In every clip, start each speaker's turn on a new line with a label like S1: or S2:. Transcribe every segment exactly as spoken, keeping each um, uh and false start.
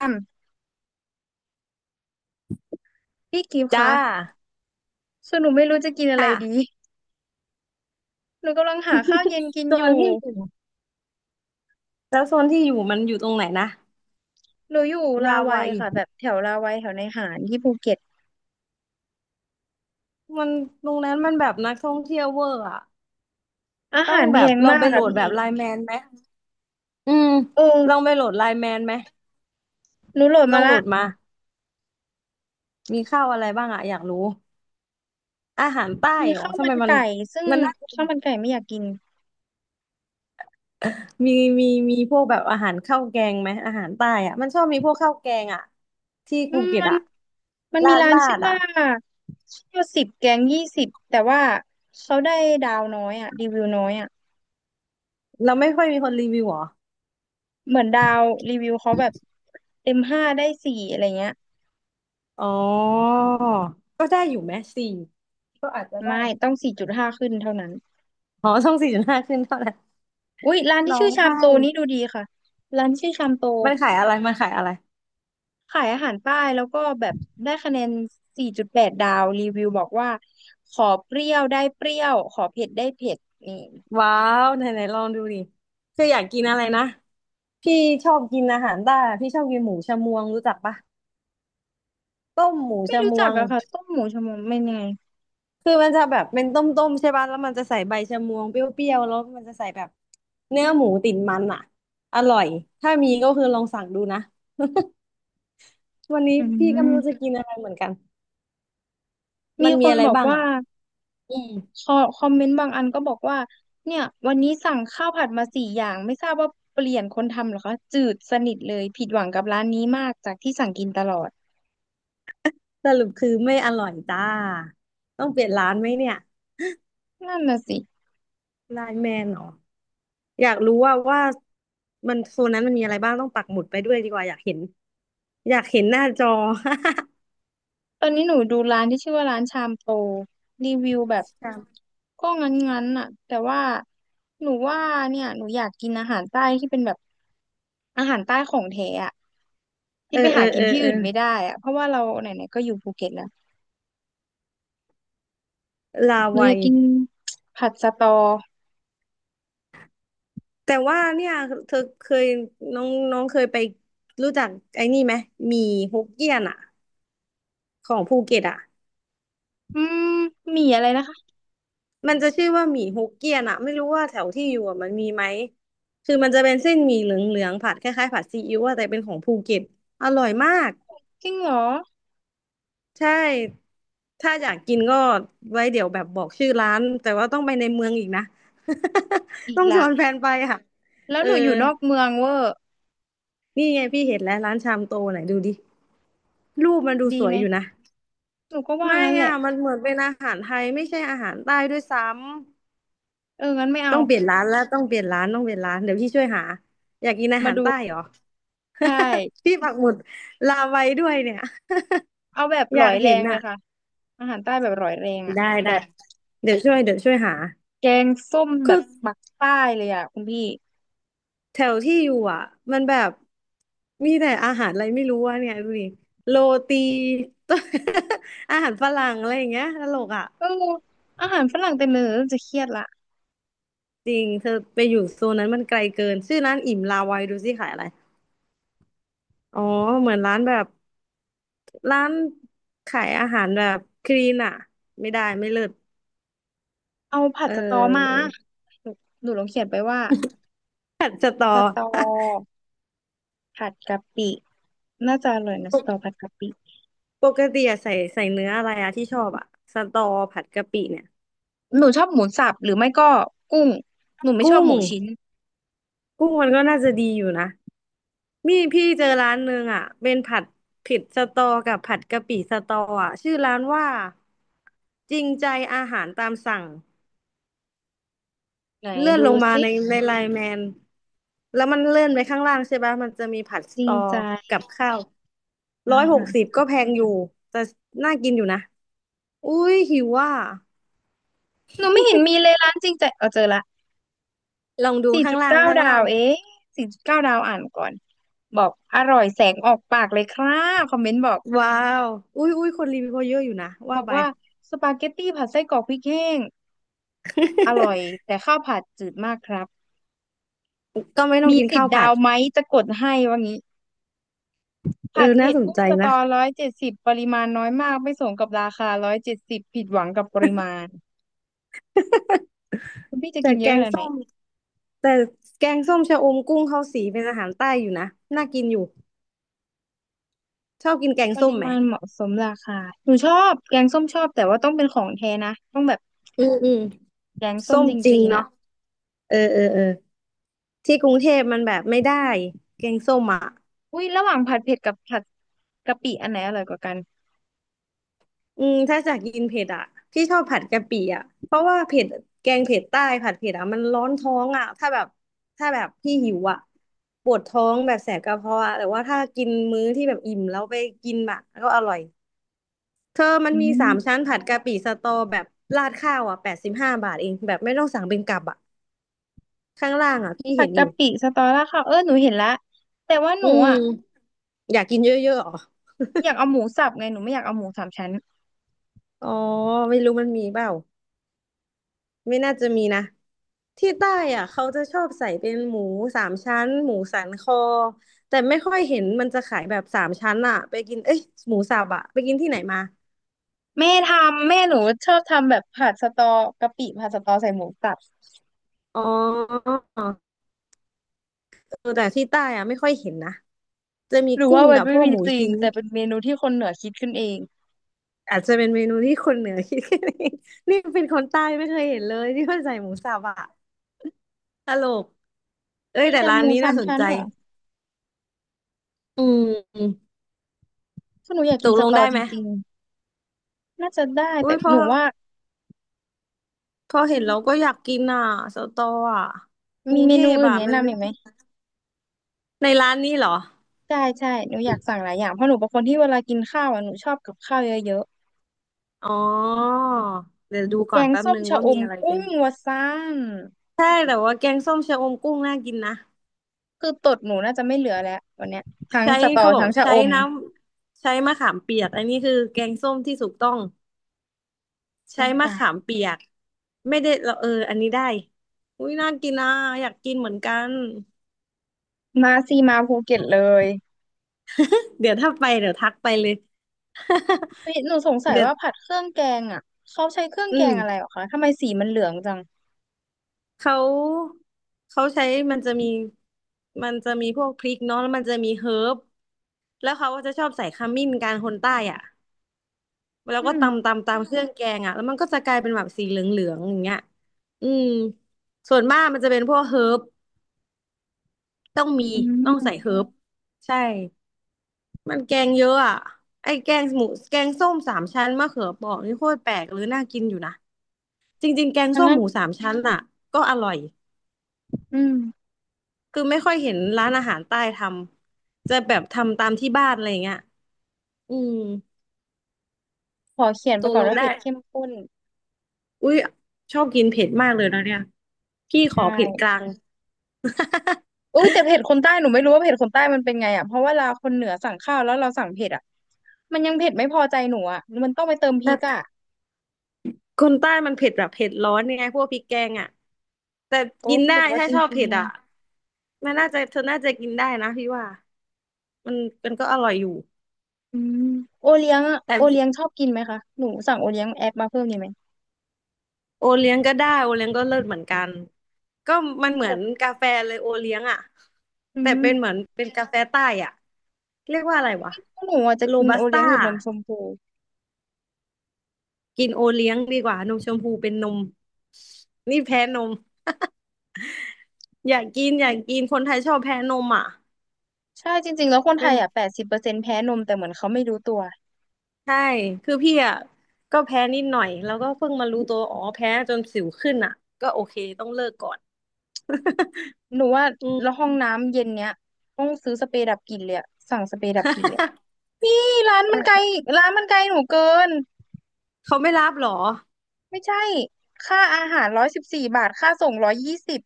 S1: อืมพี่กิฟต์
S2: จ้า
S1: คะส่วนหนูไม่รู้จะกินอะไร
S2: ค่ะ
S1: ดี หนูกำลังหาข้าวเย็น กิน
S2: โซ
S1: อ
S2: น
S1: ยู่
S2: ที่อยู่แล้วโซนที่อยู่มันอยู่ตรงไหนนะ
S1: หนูอยู่ลา
S2: รา
S1: วั
S2: วั
S1: ย
S2: ย
S1: ค่ะแบบแถวลาวัยแถวในหาญที่ภูเก็ต
S2: มันตรงนั้นมันแบบนักท่องเที่ยวเวอร์อะ
S1: อา
S2: ต้อ
S1: หา
S2: ง
S1: รแพ
S2: แบบ
S1: ง
S2: ลอง
S1: มา
S2: ไป
S1: ก
S2: โหล
S1: ค่ะ
S2: ดแบ
S1: พี่
S2: บไลน์แมนไหมอืม
S1: เอ
S2: ลอง
S1: อ
S2: ไปโหลดไลน์แมนไหม
S1: หนูโหลด
S2: ลอ
S1: มา
S2: งโหล
S1: ละ
S2: ดมามีข้าวอะไรบ้างอะอยากรู้อาหารใต้
S1: มี
S2: เหรอ
S1: ข้าว
S2: ทำ
S1: มั
S2: ไม
S1: น
S2: มัน
S1: ไก่ซึ่ง
S2: มันน่าจะ
S1: ข้าวมันไก่ไม่อยากกิน
S2: มีมีมีพวกแบบอาหารข้าวแกงไหมอาหารใต้อะมันชอบมีพวกข้าวแกงอะที่
S1: อื
S2: ภู
S1: ม
S2: เก็ต
S1: มัน
S2: อะ
S1: มัน
S2: ลา
S1: มี
S2: ด
S1: ร้าน
S2: ลา
S1: ชื่อ
S2: ดอะ
S1: ว่าข้าวสิบแกงยี่สิบแต่ว่าเขาได้ดาวน้อยอะรีวิวน้อยอะ
S2: เราไม่ค่อยมีคนรีวิวเหรอ
S1: เหมือนดาวรีวิวเขาแบบเต็มห้าได้สี่อะไรเงี้ย
S2: อ๋อ ก็ได้อยู่ไหมสี่ ก็อาจจะได้
S1: ไม่ต้องสี่จุดห้าขึ้นเท่านั้น
S2: อ๋อช่องสี่จุดห้าขึ้นเท่านั้น
S1: อุ๊ยร้านที่
S2: ร้อ
S1: ชื่อ
S2: ง
S1: ชาม
S2: ไห้
S1: โตนี่ดูดีค่ะร้านที่ชื่อชามโต
S2: มันขายอะไรมันขายอะไร
S1: ขายอาหารใต้แล้วก็แบบได้คะแนนสี่จุดแปดดแปดดาวรีวิวบอกว่าขอเปรี้ยวได้เปรี้ยวขอเผ็ดได้เผ็ดนี่
S2: ว้าวไหนไหนลองดูดิคืออยากกินอะไรนะ พี่ชอบกินอาหารใต้อะพี่ชอบกินหมูชะมวงรู้จักปะ ต้มหมู
S1: ไม่
S2: ชะ
S1: รู้
S2: ม
S1: จั
S2: ว
S1: ก
S2: ง
S1: อะค่ะต้มหมูชะมวไม่นไง
S2: คือมันจะแบบเป็นต้มๆใช่ปะแล้วมันจะใส่ใบชะมวงเปรี้ยวๆแล้วมันจะใส่แบบเนื้อหมูติดมันอ่ะอร่อยถ้ามีก็คือลองสั่งดูนะ วันนี้
S1: อื
S2: พี่ก็ไม่รู้จะ
S1: ม
S2: กินอะไรเหมือนกันมั
S1: มี
S2: น
S1: ค
S2: มี
S1: น
S2: อะไร
S1: บอก
S2: บ้าง
S1: ว่า
S2: อ่ะ อืม
S1: คอคอมเมนต์บางอันก็บอกว่าเนี่ยวันนี้สั่งข้าวผัดมาสี่อย่างไม่ทราบว่าเปลี่ยนคนทำเหรอคะจืดสนิทเลยผิดหวังกับร้านนี้มากจากที่สั่งกินตลอด
S2: สรุปคือไม่อร่อยจ้าต้องเปลี่ยนร้านไหมเนี่ย
S1: นั่นน่ะสิ
S2: ไลน์แมนเหรออยากรู้ว่าว่ามันโซนนั้นมันมีอะไรบ้างต้องปักหมุดไปด้วยดีกว่าอยากเห็นอยากเห็นหน้าจอ
S1: ตอนนี้หนูดูร้านที่ชื่อว่าร้านชามโปรรีวิวแบบ
S2: ครับ
S1: ก็งั้นๆน่ะแต่ว่าหนูว่าเนี่ยหนูอยากกินอาหารใต้ที่เป็นแบบอาหารใต้ของแท้อะ
S2: เอ
S1: ที่
S2: อ
S1: ไป
S2: เอ
S1: หา
S2: อ
S1: กิ
S2: เอ
S1: น
S2: อ
S1: ที่
S2: เออ
S1: อื่นไม่ได้อะเพราะว่าเราไหนๆก็อยู่ภูเก็ตแล้ว
S2: ลา
S1: หนูอ
S2: วั
S1: ยาก
S2: ย
S1: กิน ผัดสะตอ
S2: แต่ว่าเนี่ยเธอเคยน้องน้องเคยไปรู้จักไอ้นี่ไหมหมี่ฮกเกี้ยนอ่ะของภูเก็ตอ่ะ
S1: อืมหมี่อะไรนะคะ
S2: มันจะชื่อว่าหมี่ฮกเกี้ยนอะไม่รู้ว่าแถวที่อยู่อะมันมีไหมคือมันจะเป็นเส้นหมี่เหลืองๆผัดคล้ายๆผัดซีอิ๊วอะแต่เป็นของภูเก็ตอร่อยมาก
S1: จริงเหรอ
S2: ใช่ถ้าอยากกินก็ไว้เดี๋ยวแบบบอกชื่อร้านแต่ว่าต้องไปในเมืองอีกนะ
S1: อี
S2: ต้
S1: ก
S2: องช
S1: ละ
S2: วนแฟนไปค่ะ
S1: แล้ว
S2: เออ
S1: หนูอยู่นอกเมืองเวอร์
S2: นี่ไงพี่เห็นแล้วร้านชามโตไหนดูดิรูปมันดู
S1: ดี
S2: สว
S1: ไหม
S2: ยอยู่นะ
S1: หนูก็ว่า
S2: ไม่
S1: งั้นแห
S2: อ่ะ
S1: ละ
S2: มันเหมือนเป็นอาหารไทยไม่ใช่อาหารใต้ด้วยซ้ำ
S1: เอองั้นไม่เอา
S2: ต้องเปลี่ยนร้านแล้วต้องเปลี่ยนร้านต้องเปลี่ยนร้านเดี๋ยวพี่ช่วยหาอยากกินอา
S1: มา
S2: หาร
S1: ดู
S2: ใต้เหรอ
S1: ใช่
S2: พี่ปักหมุดลาไว้ด้วยเนี่ย
S1: เอาแบบ ห
S2: อ
S1: ลอ
S2: ยาก
S1: ยแร
S2: เห็น
S1: งเลย
S2: อ่ะ
S1: ค่ะ อาหารใต้แบบอร่อยแรงอ่ะ
S2: ได้
S1: แบ
S2: ได้
S1: บ
S2: เดี๋ยวช่วยเดี๋ยวช่วยหา
S1: แกงส้มแบ
S2: คือ
S1: บปักใต้เลยอ่ะคุณพี่
S2: แถวที่อยู่อ่ะมันแบบมีแต่อาหารอะไรไม่รู้อ่ะเนี่ยดูดิโรตี อาหารฝรั่งอะไรอย่างเงี้ยตลกอ่ะ
S1: เอออาหารฝรั่งเต็มเลยเริ่มจะเครียดละ
S2: จริงเธอไปอยู่โซนนั้นมันไกลเกินชื่อร้านอิ่มลาไว้ดูสิขายอะไร อ๋อเหมือนร้านแบบร้านขายอาหารแบบคลีนอ่ะไม่ได้ไม่เลิศ
S1: เอาผัด
S2: เ
S1: สะตอมา
S2: ออ
S1: หนูหนูลองเขียนไปว่า
S2: ผัดสตอ
S1: สะตอผัดกะปิน่าจะอร่อย นะ
S2: ป
S1: สะต
S2: ก
S1: อผัดกะปิ
S2: ปกติอะใส่ใส่เนื้ออะไรอะที่ชอบอะสตอผัดกะปิเนี่ย
S1: หนูชอบหมูสับหรือไม่ก็กุ้งหนูไม่ช
S2: กุ้
S1: อบ
S2: ง
S1: หมูชิ้น
S2: กุ้งมันก็น่าจะดีอยู่นะมีพี่เจอร้านหนึงอะเป็นผัดผิดสตอกับผัดกะปิสตออะชื่อร้านว่าจริงใจอาหารตามสั่ง
S1: ไหน
S2: เลื่อน
S1: ดู
S2: ลงมา
S1: สิ
S2: ในในไลน์แมนแล้วมันเลื่อนไปข้างล่างใช่ปะมันจะมีผัดส
S1: จริ
S2: ต
S1: ง
S2: อ
S1: ใจ
S2: กับข้าว
S1: อา
S2: ร้อยหก
S1: หาร
S2: สิบก็แพงอยู่ แต่น่ากินอยู่นะ อุ้ยหิวว่า
S1: หนูไม่เห็นมีเลยร้านจริงใจเอาเจอละ
S2: ลองดู
S1: สี่
S2: ข้า
S1: จุ
S2: ง
S1: ด
S2: ล่าง
S1: เก้า
S2: ข้าง
S1: ดา
S2: ล่า
S1: ว
S2: ง
S1: เองสี่จุดเก้าดาวอ่านก่อนบอกอร่อยแสงออกปากเลยครับคอมเมนต์บอก
S2: ว้าว อุ้ยอุ้ยคนรีวิวเขาเยอะอยู่นะ
S1: บ
S2: ว่า
S1: อก
S2: ไป
S1: ว่าสปาเกตตี้ผัดไส้กรอกพริกแห้งอร่อยแต่ข้าวผัดจืดมากครับ
S2: ก็ไม่ต้อง
S1: มี
S2: กิน
S1: สิบ
S2: ข้าวผั
S1: ดา
S2: ด
S1: วไหมจะกดให้ว่างี้
S2: เออ
S1: ผัด
S2: น่า
S1: เผ็ด
S2: สน
S1: กุ้ง
S2: ใจ
S1: สต
S2: นะ
S1: อร้อยเจ็ดสิบปริมาณน้อยมากไม่สมกับราคาร้อยเจ็ดสิบผิดหวังกับปริมาณคุณพี่จะ
S2: แต่
S1: กินเย
S2: แก
S1: อะข
S2: ง
S1: นาดไหน
S2: ส้มแต่แกงส้มชะอมกุ้งข้าวสีเป็นอาหารใต้อยู่นะ น่ากินอยู่ชอบกินแกง
S1: ป
S2: ส้
S1: ริ
S2: มไหม
S1: มาณเหมาะสมราคาหนูชอบแกงส้มชอบแต่ว่าต้องเป็นของแท้นะต้องแบบ
S2: อืมอืม
S1: แกงส้
S2: ส้
S1: ม
S2: ม
S1: จ
S2: จริง
S1: ริงๆ
S2: เนาะ
S1: อ่ะ
S2: เออเออเออ ที่กรุงเทพมันแบบไม่ได้แกงส้มอ่ะ
S1: อุ้ยระหว่างผัดเผ็ดกับผัดกะปิอันไหนอร่อยกว่ากัน
S2: อืมถ้าจากกินเผ็ดอ่ะพี่ชอบผัดกะปิอ่ะเพราะว่าเผ็ดแกงเผ็ดใต้ผัดเผ็ดอ่ะมันร้อนท้องอ่ะถ้าแบบถ้าแบบพี่หิวอ่ะปวดท้องแบบแสบกระเพาะอะแต่ว่าถ้ากินมื้อที่แบบอิ่มแล้วไปกินแบบก็อร่อยเธอมัน
S1: อื
S2: มีสามชั้น
S1: ม
S2: ผัดกะปิสตอแบบราดข้าวอ่ะแปดสิบห้าบาทเองแบบไม่ต้องสั่งเป็นกับอ่ะข้างล่างอ่ะพี่
S1: ผั
S2: เห็
S1: ด
S2: นอ
S1: กะ
S2: ยู่
S1: ปิสตอราค่าเออหนูเห็นละแต่ว่าห
S2: อื
S1: นูอ่ะ
S2: มอยากกินเยอะๆเหรอ
S1: อยากเอาหมูสับไงหนูไม่อยากเอาหมูสามชั้น
S2: อ๋อไม่รู้มันมีเปล่า ไม่น่าจะมีนะที่ใต้อ่ะเขาจะชอบใส่เป็นหมูสามชั้นหมูสันคอแต่ไม่ค่อยเห็นมันจะขายแบบสามชั้นอ่ะไปกินเอ้ยหมูสับอ่ะไปกินที่ไหนมา
S1: แม่ทำแม่หนูชอบทำแบบผัดสตอกะปิผัดสตอใส่หมูสับ
S2: อ๋อเออแต่ที่ใต้อ่ะไม่ค่อยเห็นนะจะมี
S1: หรือ
S2: กุ้
S1: ว่า
S2: ง
S1: มั
S2: กั
S1: น
S2: บ
S1: ไม่
S2: พวก
S1: มี
S2: หมู
S1: จริง
S2: ชิ้น
S1: แต่เป็นเมนูที่คนเหนือคิดขึ้นเอง
S2: อาจจะเป็นเมนูที่คนเหนือคิดกันเอง นี่เป็นคนใต้ไม่เคยเห็นเลยที่ว่าใส่หมูสับอ่ะตลกเอ้ย
S1: มี
S2: แต่
S1: แต่
S2: ร้า
S1: ห
S2: น
S1: มู
S2: นี้
S1: สา
S2: น่า
S1: ม
S2: สน
S1: ชั้น
S2: ใจ
S1: เหรอ
S2: อืม
S1: ถ้าหนูอยาก
S2: ต
S1: กิน
S2: ก
S1: ส
S2: ลง
S1: ตอ
S2: ได้
S1: จ
S2: ไหม
S1: ริงๆน่าจะได้
S2: อุ้
S1: แต่
S2: ยพ
S1: ห
S2: อ
S1: นูว่า
S2: พอเห็
S1: อื
S2: นแล้วก็
S1: ม
S2: อยากกินอ่ะสตออ่ะกรุ
S1: มี
S2: ง
S1: เม
S2: เท
S1: นู
S2: พ
S1: อื่น
S2: อ่ะ
S1: แนะ
S2: มัน
S1: นำอีกไหม
S2: ในร้านนี้เหรอ
S1: ใช่ใช่หนูอยากสั่งหลายอย่างเพราะหนูเป็นคนที่เวลากินข้าวอ่ะหนูชอบกับข้าวเยอะ
S2: อ๋อเดี๋ยวดู
S1: แก
S2: ก่อน
S1: ง
S2: แป๊บ
S1: ส้ม
S2: นึง
S1: ชะ
S2: ว่า
S1: อ
S2: มี
S1: ม
S2: อะไรกิ
S1: กุ้
S2: น
S1: งวะซ่าน
S2: ใช่แต่ว่าแกงส้มชะอมกุ้งน่ากินนะ
S1: คือตดหนูน่าจะไม่เหลือแล้ววันเนี้ยทั้ง
S2: ใช้
S1: สตอ
S2: เขาบอ
S1: ทั้
S2: ก
S1: งชะ
S2: ใช้
S1: อม
S2: น้ำใช้มะขามเปียกอันนี้คือแกงส้มที่ถูกต้อง
S1: โอ้
S2: ใช้
S1: ย
S2: มะ
S1: ตา
S2: ขา
S1: ย
S2: มเปียกไม่ได้เราเอออันนี้ได้อุ้ยน่ากินนะอยากกินเหมือนกัน
S1: มาซีมาภูเก็ตเลย
S2: เดี๋ยวถ้าไปเดี๋ยวทักไปเลย
S1: เฮ้ยหนูสง สัย
S2: เดี๋ยว
S1: ว่าผัดเครื่องแกงอ่ะเขาใช้เครื่อง
S2: อื
S1: แก
S2: ม
S1: งอะไรหรอคะทำไมสีมันเหลืองจัง
S2: เขาเขาใช้มันจะมีมันจะมีพวกพริกเนาะแล้วมันจะมีเฮิร์บแล้วเขาก็จะชอบใส่ขมิ้นกันคนใต้อ่ะแล้ว
S1: อื
S2: ก็
S1: ม
S2: ตำตำตำเครื่องแกงอ่ะแล้วมันก็จะกลายเป็นแบบสีเหลืองๆอย่างเงี้ยอืมส่วนมากมันจะเป็นพวกเฮิร์บต้องมี
S1: อื
S2: ต้องใส่เฮิ
S1: ม
S2: ร์บใช่ มันแกงเยอะอ่ะไอ้แกงหมูแกงส้มสามชั้นมะเขือเปราะนี่โคตรแปลกหรือน่ากินอยู่นะจริงๆแกง
S1: ดัง
S2: ส้ม
S1: นั้น
S2: หมูสามชั้นอ่ะก็อร่อย
S1: อืม
S2: คือไม่ค่อยเห็นร้านอาหารใต้ทำจะแบบทำตามที่บ้านอะไรอเงี้ยอืม
S1: ขอเขียน
S2: ต
S1: ไป
S2: ก
S1: ก่อ
S2: ล
S1: น
S2: ง
S1: ว่า
S2: ได้
S1: เผ็ดเข้มข้น
S2: อุ้ยชอบกินเผ็ดมากเลยนะเนี่ยพี่ข
S1: ใช่
S2: อเผ็ดกลาง
S1: อุ้ยแต่เผ็ดคนใต้หนูไม่รู้ว่าเผ็ดคนใต้มันเป็นไงอ่ะเพราะว่าเราคนเหนือสั่งข้าวแล้วเราสั่งเผ็ดอ่ะมันยังเผ็ดไม่พอใจหนูอ่ะมันต้องไปเติมพริกอ่ะ
S2: คนใต้มันเผ็ดแบบเผ็ดร้อนไงพวกพริกแกงอ่ะแต่
S1: โอ้
S2: กิน
S1: ห
S2: ได้
S1: รือว่า
S2: ถ้า
S1: จ
S2: ชอบ
S1: ริง
S2: เผ็ดอ่ะมันน่าจะเธอน่าจะกินได้นะพี่ว่ามันมันก็อร่อยอยู่
S1: อืมโอเลี้ยงอะ
S2: แต่
S1: โอ
S2: พี่
S1: เลี้ยงชอบกินไหมคะหนูสั่งโอเลี้ยงแอปมาเพิ่มดีไหม
S2: โอเลี้ยงก็ได้โอเลี้ยงก็เลิศเหมือนกันก็มัน
S1: ห
S2: เหมื
S1: นู
S2: อนกาแฟเลยโอเลี้ยงอ่ะ
S1: อื
S2: แต่
S1: ม
S2: เป็นเหมือนเป็นกาแฟใต้อ่ะเรียกว่าอะไรวะ
S1: หนูอาจจะ
S2: โร
S1: กิน
S2: บั
S1: โอ
S2: ส
S1: เลี้
S2: ต้า
S1: ยงหรือนมชมพู
S2: กินโอเลี้ยงดีกว่านมชมพูเป็นนมนี่แพ้นมอยากกินอยากกินคนไทยชอบแพ้นมอ่ะ
S1: ใช่จริงๆแล้วคนไท
S2: เป็น
S1: ยอ่ะแปดสิบเปอร์เซ็นต์แพ้นมแต่เหมือนเขาไม่รู้ตัว
S2: ใช่คือพี่อ่ะก็แพ้นิดหน่อยแล้วก็เพิ่งมารู้ตัวอ๋อแพ้จนสิวขึ้นอ่ะก็โอเคต้องเลิกก่อน
S1: หนูว่า
S2: อืม
S1: แล้วห้องน้ำเย็นเนี้ยต้องซื้อสเปรย์ดับกลิ่นเลยอะสั่งสเปรย์ดับกลิ่นเลยนี่ร้านมันไกลร้านมันไกลหนูเกิน
S2: เขาไม่รับเหรอ
S1: ไม่ใช่ค่าอาหารร้อยสิบสี่บาทค่าส่งร้อยยี่สิบ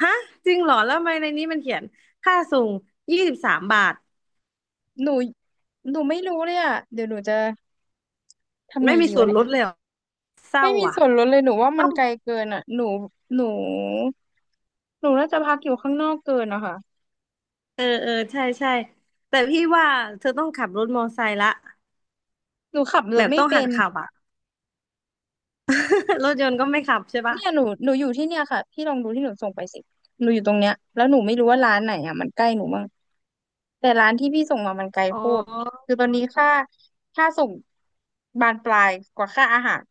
S2: ฮะจริงเหรอแล้วทำไมในนี้มันเขียนค่าส่งยี่สิบสามบาท
S1: หนูหนูไม่รู้เลยอ่ะเดี๋ยวหนูจะทำไง
S2: ไม่มี
S1: ดี
S2: ส่
S1: วะ
S2: วนลดเลยเหรอเศร้า
S1: ไม่มี
S2: อ่ะ
S1: ส่วนลดเลยหนูว่ามั
S2: ต้อ
S1: น
S2: ง
S1: ไกลเกินอ่ะหนูหนูหนูน่าจะพักอยู่ข้างนอกเกินนะคะ
S2: เออเออใช่ใช่แต่พี่ว่าเธอต้องขับรถมอไซค์ละ
S1: หนูขับร
S2: แบ
S1: ถ
S2: บ
S1: ไม่
S2: ต้องหั
S1: เป็
S2: ด
S1: น
S2: ขับอ่ะ รถยนต์ก็ไม่ขับใช่ปะ
S1: เนี่ยหนูหนูอยู่ที่เนี่ยค่ะพี่ลองดูที่หนูส่งไปสิหนูอยู่ตรงเนี้ยแล้วหนูไม่รู้ว่าร้านไหนอ่ะมันใกล้หนูบ้างแต่ร้านที่พี่ส่งมามันไกล
S2: อ๋อ
S1: โคตรคือตอนนี้ค่าค่าส่งบานปลายกว่าค่าอาหาร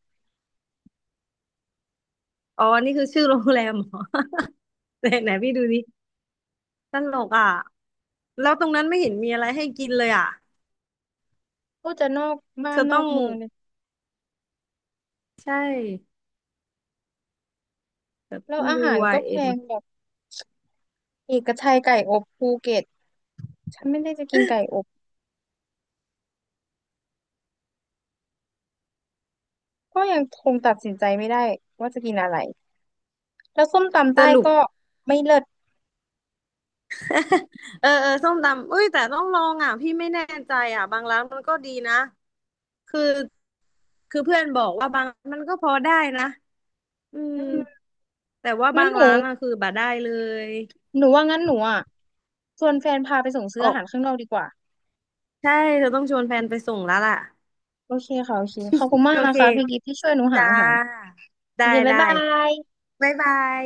S2: อ๋อนี่คือชื่อโรงแรมเหรอ ไหนไหนพี่ดูดิตลกอ่ะแล้วตรงนั้นไม่เห็นมีอะไรให้กินเลยอ่ะ
S1: ก็จะนอกบ้า
S2: เธ
S1: น
S2: อ
S1: น
S2: ต้
S1: อ
S2: อ
S1: ก
S2: ง
S1: เมืองเลย
S2: ใช่แต่
S1: แล้วอา
S2: ยู
S1: หาร
S2: ไอ
S1: ก็แพ
S2: เอน
S1: งแบบเอกชัยไก่อบภูเก็ตฉันไม่ได้จะกินไก่อบ ก็ยังคงตัดสินใจไม่ได้ว่าจะกินอะไร แล้วส้มตำ
S2: ส
S1: ใต้
S2: รุป
S1: ก็ไม่เลิศ
S2: เออเออส้มตำอุ้ยแต่ต้องลองอ่ะพี่ไม่แน่ใจอ่ะบางร้านมันก็ดีนะคือคือเพื่อนบอกว่าบางมันก็พอได้นะอื
S1: อื
S2: ม
S1: ม
S2: แต่ว่า
S1: งั้
S2: บา
S1: น
S2: ง
S1: หนู
S2: ร้านอ่ะคือบ่ได้เลย
S1: หนูว่างั้นหนูอ่ะชวนแฟนพาไปส่งซื้อ
S2: โอ้
S1: อาหารข้างนอกดีกว่า
S2: ใช่เธอต้องชวนแฟนไปส่งแล้วล่ะ
S1: โอเคค่ะโอเคขอบคุณมาก
S2: โอ
S1: นะ
S2: เค
S1: คะพี่กิฟที่ช่วยหนูหา
S2: จ้า
S1: อาหาร โอ
S2: ได้
S1: เคบ๊าย
S2: ได้
S1: บาย
S2: บ๊ายบาย